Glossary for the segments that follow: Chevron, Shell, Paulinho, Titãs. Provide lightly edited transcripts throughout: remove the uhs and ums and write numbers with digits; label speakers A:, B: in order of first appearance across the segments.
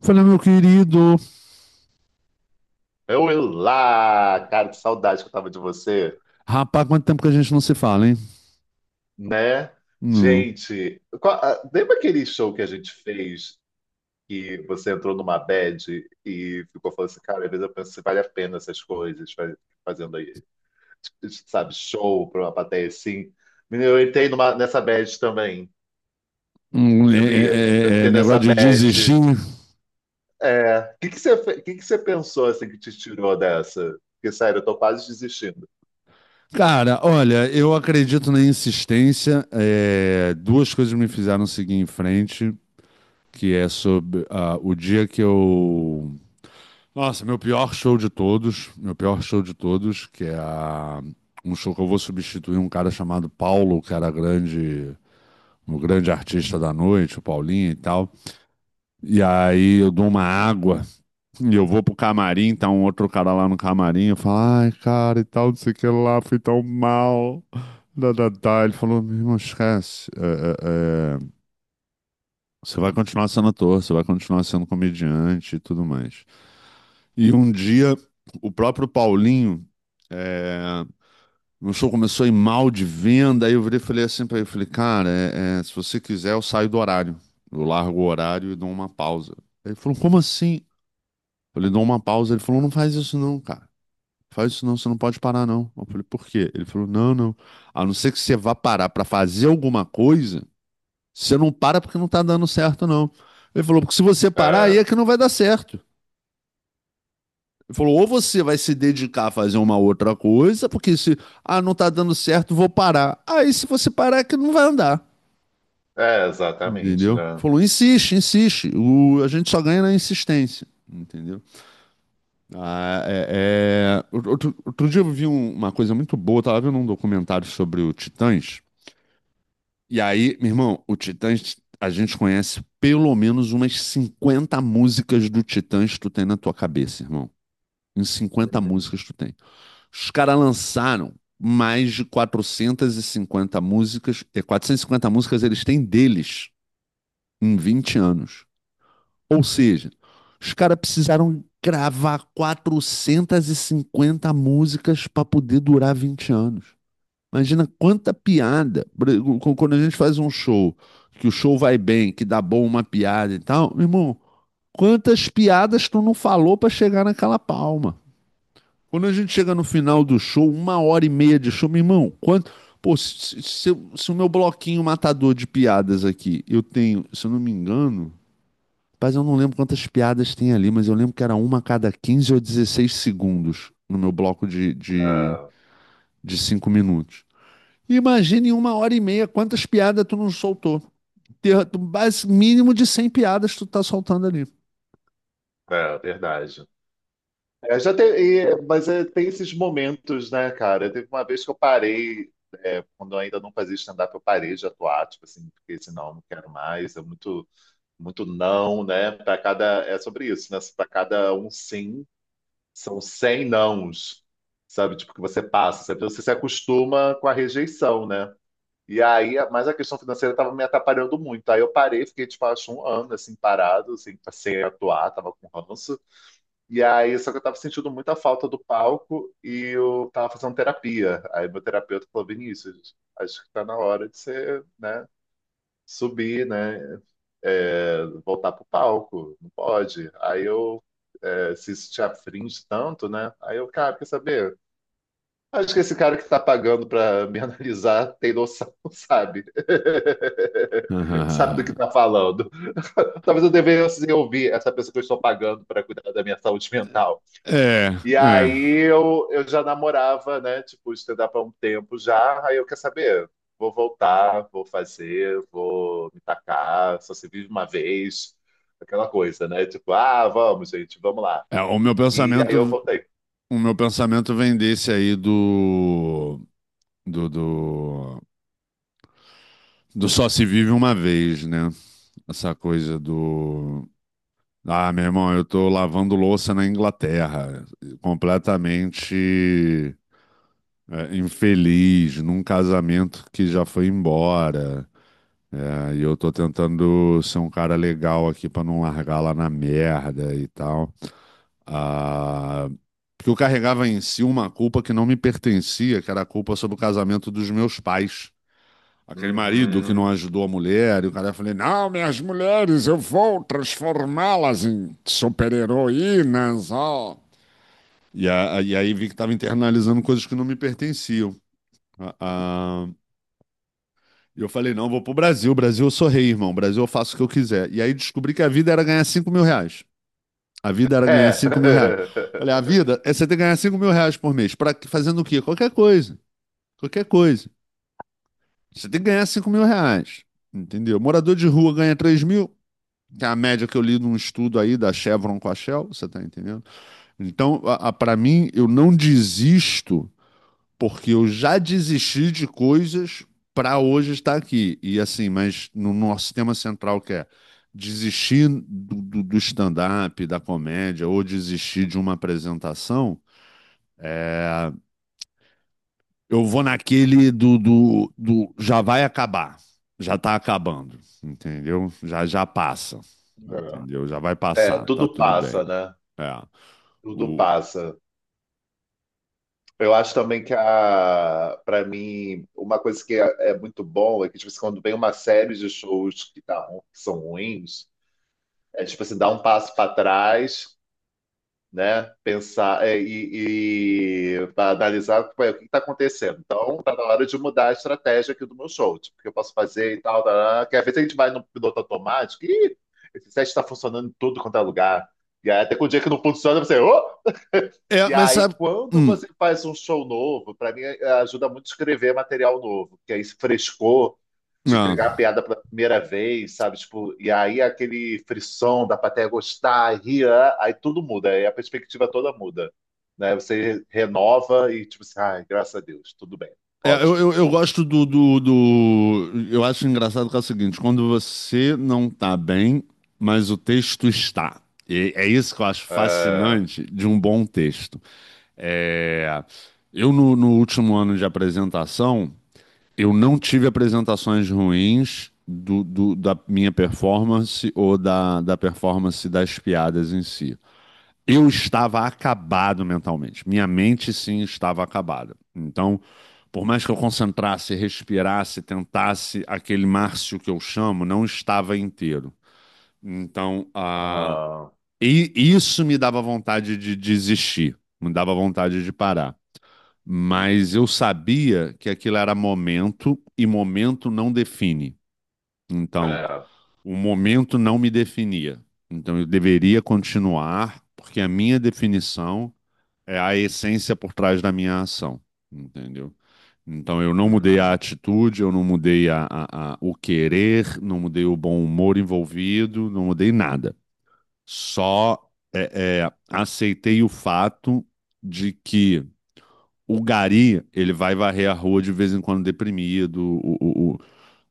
A: Falei, meu querido,
B: Olá, cara, que saudade que eu tava de você,
A: rapaz, quanto tempo que a gente não se fala, hein?
B: né?
A: Hum,
B: Gente, ah, lembra aquele show que a gente fez que você entrou numa bad e ficou falando assim, cara, às vezes eu penso se vale a pena essas coisas, fazendo aí, sabe, show pra uma plateia assim. Menino, eu entrei numa, nessa bad também, sabia? Eu entrei nessa
A: negócio de
B: bad.
A: desistir.
B: É, o que que você, fe- que você pensou assim que te tirou dessa? Porque, sério, eu tô quase desistindo.
A: Cara, olha, eu acredito na insistência. É, duas coisas me fizeram seguir em frente, que é sobre o dia que eu... Nossa, meu pior show de todos, meu pior show de todos, um show que eu vou substituir um cara chamado Paulo, que era grande, um grande artista da noite, o Paulinho e tal. E aí eu dou uma água. E eu vou pro camarim, tá um outro cara lá no camarim, eu falo, ai, cara, e tal, não sei o que lá, fui tão mal. Da, da, da. Ele falou, meu irmão, esquece. Você vai continuar sendo ator, você vai continuar sendo comediante e tudo mais. E um dia, o próprio Paulinho, é... meu show começou a ir mal de venda, aí eu virei e falei assim pra ele, eu falei, cara, se você quiser, eu saio do horário. Eu largo o horário e dou uma pausa. Ele falou, como assim? Eu falei, dou uma pausa. Ele falou, não faz isso não, cara. Faz isso não, você não pode parar não. Eu falei, por quê? Ele falou, não, não. A não ser que você vá parar pra fazer alguma coisa, você não para porque não tá dando certo não. Ele falou, porque se você parar, aí é
B: É,
A: que não vai dar certo. Ele falou, ou você vai se dedicar a fazer uma outra coisa, porque se, não tá dando certo, vou parar. Aí se você parar é que não vai andar.
B: é exatamente,
A: Entendeu?
B: né?
A: Falou, insiste, insiste. O, a gente só ganha na insistência. Entendeu? Outro dia eu vi uma coisa muito boa, eu tava vendo um documentário sobre o Titãs. E aí, meu irmão, o Titãs, a gente conhece pelo menos umas 50 músicas do Titãs que tu tem na tua cabeça, irmão. Em cinquenta
B: Uhum.
A: músicas tu tem. Os caras lançaram mais de 450 músicas, e 450 músicas eles têm deles em 20 anos. Ou seja, os caras precisaram gravar 450 músicas para poder durar 20 anos. Imagina quanta piada. Quando a gente faz um show, que o show vai bem, que dá bom uma piada e tal, meu irmão, quantas piadas tu não falou para chegar naquela palma? Quando a gente chega no final do show, uma hora e meia de show, meu irmão, quanto. Pô, se o meu bloquinho matador de piadas aqui, eu tenho, se eu não me engano, mas eu não lembro quantas piadas tem ali, mas eu lembro que era uma a cada 15 ou 16 segundos no meu bloco de, de,
B: É,
A: de 5 minutos. Imagine em uma hora e meia quantas piadas tu não soltou. Mínimo de 100 piadas tu tá soltando ali.
B: é verdade. É, já tem, mas é, tem esses momentos, né, cara? Teve uma vez que eu parei, é, quando eu ainda não fazia stand-up, eu parei de atuar, tipo assim, fiquei assim, não, não quero mais, é muito, muito não, né? Para cada, é sobre isso, né? Para cada um sim, são 100 nãos, sabe? Tipo, que você passa, sabe? Então, você se acostuma com a rejeição, né? E aí, mas a questão financeira estava me atrapalhando muito. Aí eu parei, fiquei, tipo, acho um ano, assim, parado, assim, sem atuar, tava com ranço. E aí, só que eu tava sentindo muita falta do palco e eu tava fazendo terapia. Aí meu terapeuta falou, Vinícius, acho que tá na hora de você, né, subir, né, voltar pro palco, não pode. Aí eu, se isso te afringe tanto, né, aí eu, cara, quer saber? Acho que esse cara que tá pagando pra me analisar tem noção, sabe? Sabe do que tá falando. Talvez eu devesse ouvir essa pessoa que eu estou pagando pra cuidar da minha saúde mental.
A: É,
B: E
A: é.
B: aí eu já namorava, né? Tipo, stand-up há um tempo já. Aí eu quer saber, vou voltar, vou fazer, vou me tacar, só se vive uma vez, aquela coisa, né? Tipo, ah, vamos, gente, vamos lá.
A: É, o meu
B: E aí eu
A: pensamento,
B: voltei.
A: o meu pensamento vem desse aí do, do, do só se vive uma vez, né? Essa coisa do... Ah, meu irmão, eu tô lavando louça na Inglaterra, completamente infeliz, num casamento que já foi embora. É, e eu tô tentando ser um cara legal aqui pra não largar lá na merda e tal. Ah, porque eu carregava em si uma culpa que não me pertencia, que era a culpa sobre o casamento dos meus pais. Aquele marido que não
B: Uhum.
A: ajudou a mulher, e o cara falou: Não, minhas mulheres, eu vou transformá-las em super-heroínas. Ó." E aí vi que estava internalizando coisas que não me pertenciam. A- a- E eu falei: Não, vou pro Brasil. Brasil, eu sou rei, irmão. Brasil, eu faço o que eu quiser. E aí descobri que a vida era ganhar R$ 5.000. A vida era ganhar 5 mil reais. Falei: A
B: É.
A: vida é você ter que ganhar R$ 5.000 por mês. Pra, fazendo o quê? Qualquer coisa. Qualquer coisa. Você tem que ganhar R$ 5.000. Entendeu? Morador de rua ganha 3.000. Que é a média que eu li num estudo aí da Chevron com a Shell, você tá entendendo? Então, para mim, eu não desisto porque eu já desisti de coisas para hoje estar aqui. E assim, mas no nosso tema central que é desistir do stand-up, da comédia, ou desistir de uma apresentação, eu vou naquele do já vai acabar, já tá acabando, entendeu? Já já passa, entendeu? Já vai
B: É,
A: passar, tá
B: tudo
A: tudo bem.
B: passa, né?
A: É.
B: Tudo
A: O-
B: passa. Eu acho também que a, para mim, uma coisa que é, é muito bom é que tipo, assim, quando vem uma série de shows que são ruins, é tipo assim, dar um passo para trás, né? Pensar é, e analisar ué, o que está acontecendo. Então, tá na hora de mudar a estratégia aqui do meu show, tipo, o que eu posso fazer e tal, tal, tal. Que às vezes a gente vai no piloto automático e esse set está funcionando em tudo quanto é lugar. E aí, até com o dia que não funciona, você. "Ô!"
A: É,
B: E
A: mas
B: aí,
A: sabe.
B: quando
A: Hum,
B: você faz um show novo, para mim é, ajuda muito a escrever material novo, que aí esse frescor de
A: não.
B: entregar a piada pela primeira vez, sabe? Tipo, e aí aquele frisson da plateia gostar, rir, ah, aí tudo muda, aí a perspectiva toda muda, né? Você renova e tipo assim, ai, graças a Deus, tudo bem,
A: É, eu,
B: ótimo.
A: eu, eu gosto do. Eu acho engraçado que é o seguinte: quando você não tá bem, mas o texto está. E é isso que eu acho
B: É,
A: fascinante de um bom texto. É, eu, no último ano de apresentação, eu não tive apresentações ruins da minha performance ou da performance das piadas em si. Eu estava acabado mentalmente. Minha mente, sim, estava acabada. Então, por mais que eu concentrasse, respirasse, tentasse, aquele Márcio que eu chamo não estava inteiro. Então,
B: aham,
A: e isso me dava vontade de desistir, me dava vontade de parar. Mas eu sabia que aquilo era momento e momento não define. Então,
B: é,
A: o momento não me definia. Então, eu deveria continuar, porque a minha definição é a essência por trás da minha ação, entendeu? Então eu não mudei a
B: uhum.
A: atitude, eu não mudei o querer, não mudei o bom humor envolvido, não mudei nada. Só aceitei o fato de que o gari, ele vai varrer a rua de vez em quando deprimido,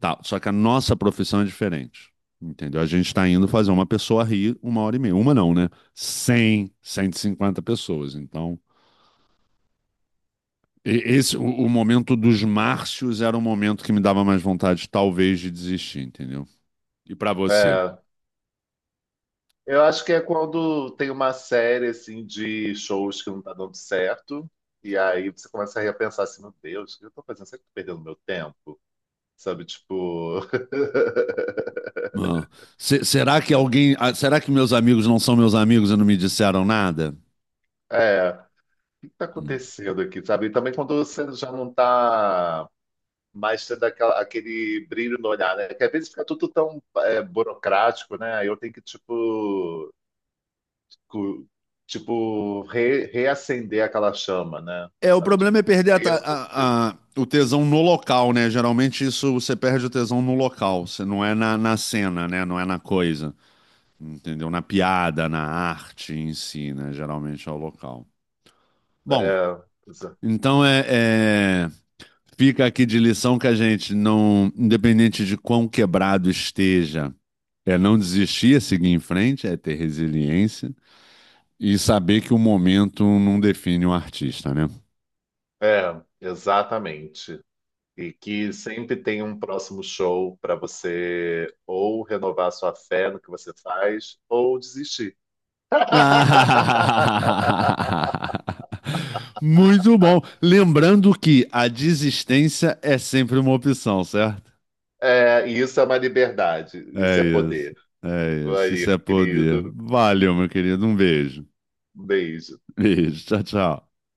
A: tal. Só que a nossa profissão é diferente. Entendeu? A gente está indo fazer uma pessoa rir uma hora e meia. Uma não, né? 100, 150 pessoas. Então, Esse, o momento dos Márcios era um momento que me dava mais vontade, talvez, de desistir, entendeu? E pra você?
B: É, eu acho que é quando tem uma série assim de shows que não tá dando certo, e aí você começa a repensar assim, meu Deus, o que eu tô fazendo? Será que eu tô perdendo meu tempo? Sabe, tipo,
A: Ah, será que alguém, será que meus amigos não são meus amigos e não me disseram nada?
B: é. Que está
A: Hum.
B: acontecendo aqui, sabe? E também quando você já não está mais tendo aquele brilho no olhar, né? Que às vezes fica tudo tão burocrático, né? Aí eu tenho que, tipo, cu- tipo reacender aquela chama, né?
A: É, o
B: Sabe?
A: problema é
B: Tipo, e
A: perder a
B: aí
A: ta-
B: eu percebo.
A: a- o tesão no local, né? Geralmente isso você perde o tesão no local, você não é na cena, né? Não é na coisa, entendeu? Na piada, na arte em si, né? Geralmente é o local.
B: É,
A: Bom,
B: exa-
A: então Fica aqui de lição que a gente não, independente de quão quebrado esteja, é não desistir, é seguir em frente, é ter resiliência e saber que o momento não define o artista, né?
B: é, exatamente. E que sempre tem um próximo show para você ou renovar sua fé no que você faz ou desistir.
A: Muito bom. Lembrando que a desistência é sempre uma opção, certo?
B: É, isso é uma liberdade, isso
A: É
B: é poder.
A: isso. É isso.
B: Maria,
A: Isso é poder.
B: querido,
A: Valeu, meu querido. Um beijo.
B: um beijo.
A: Beijo. Tchau, tchau.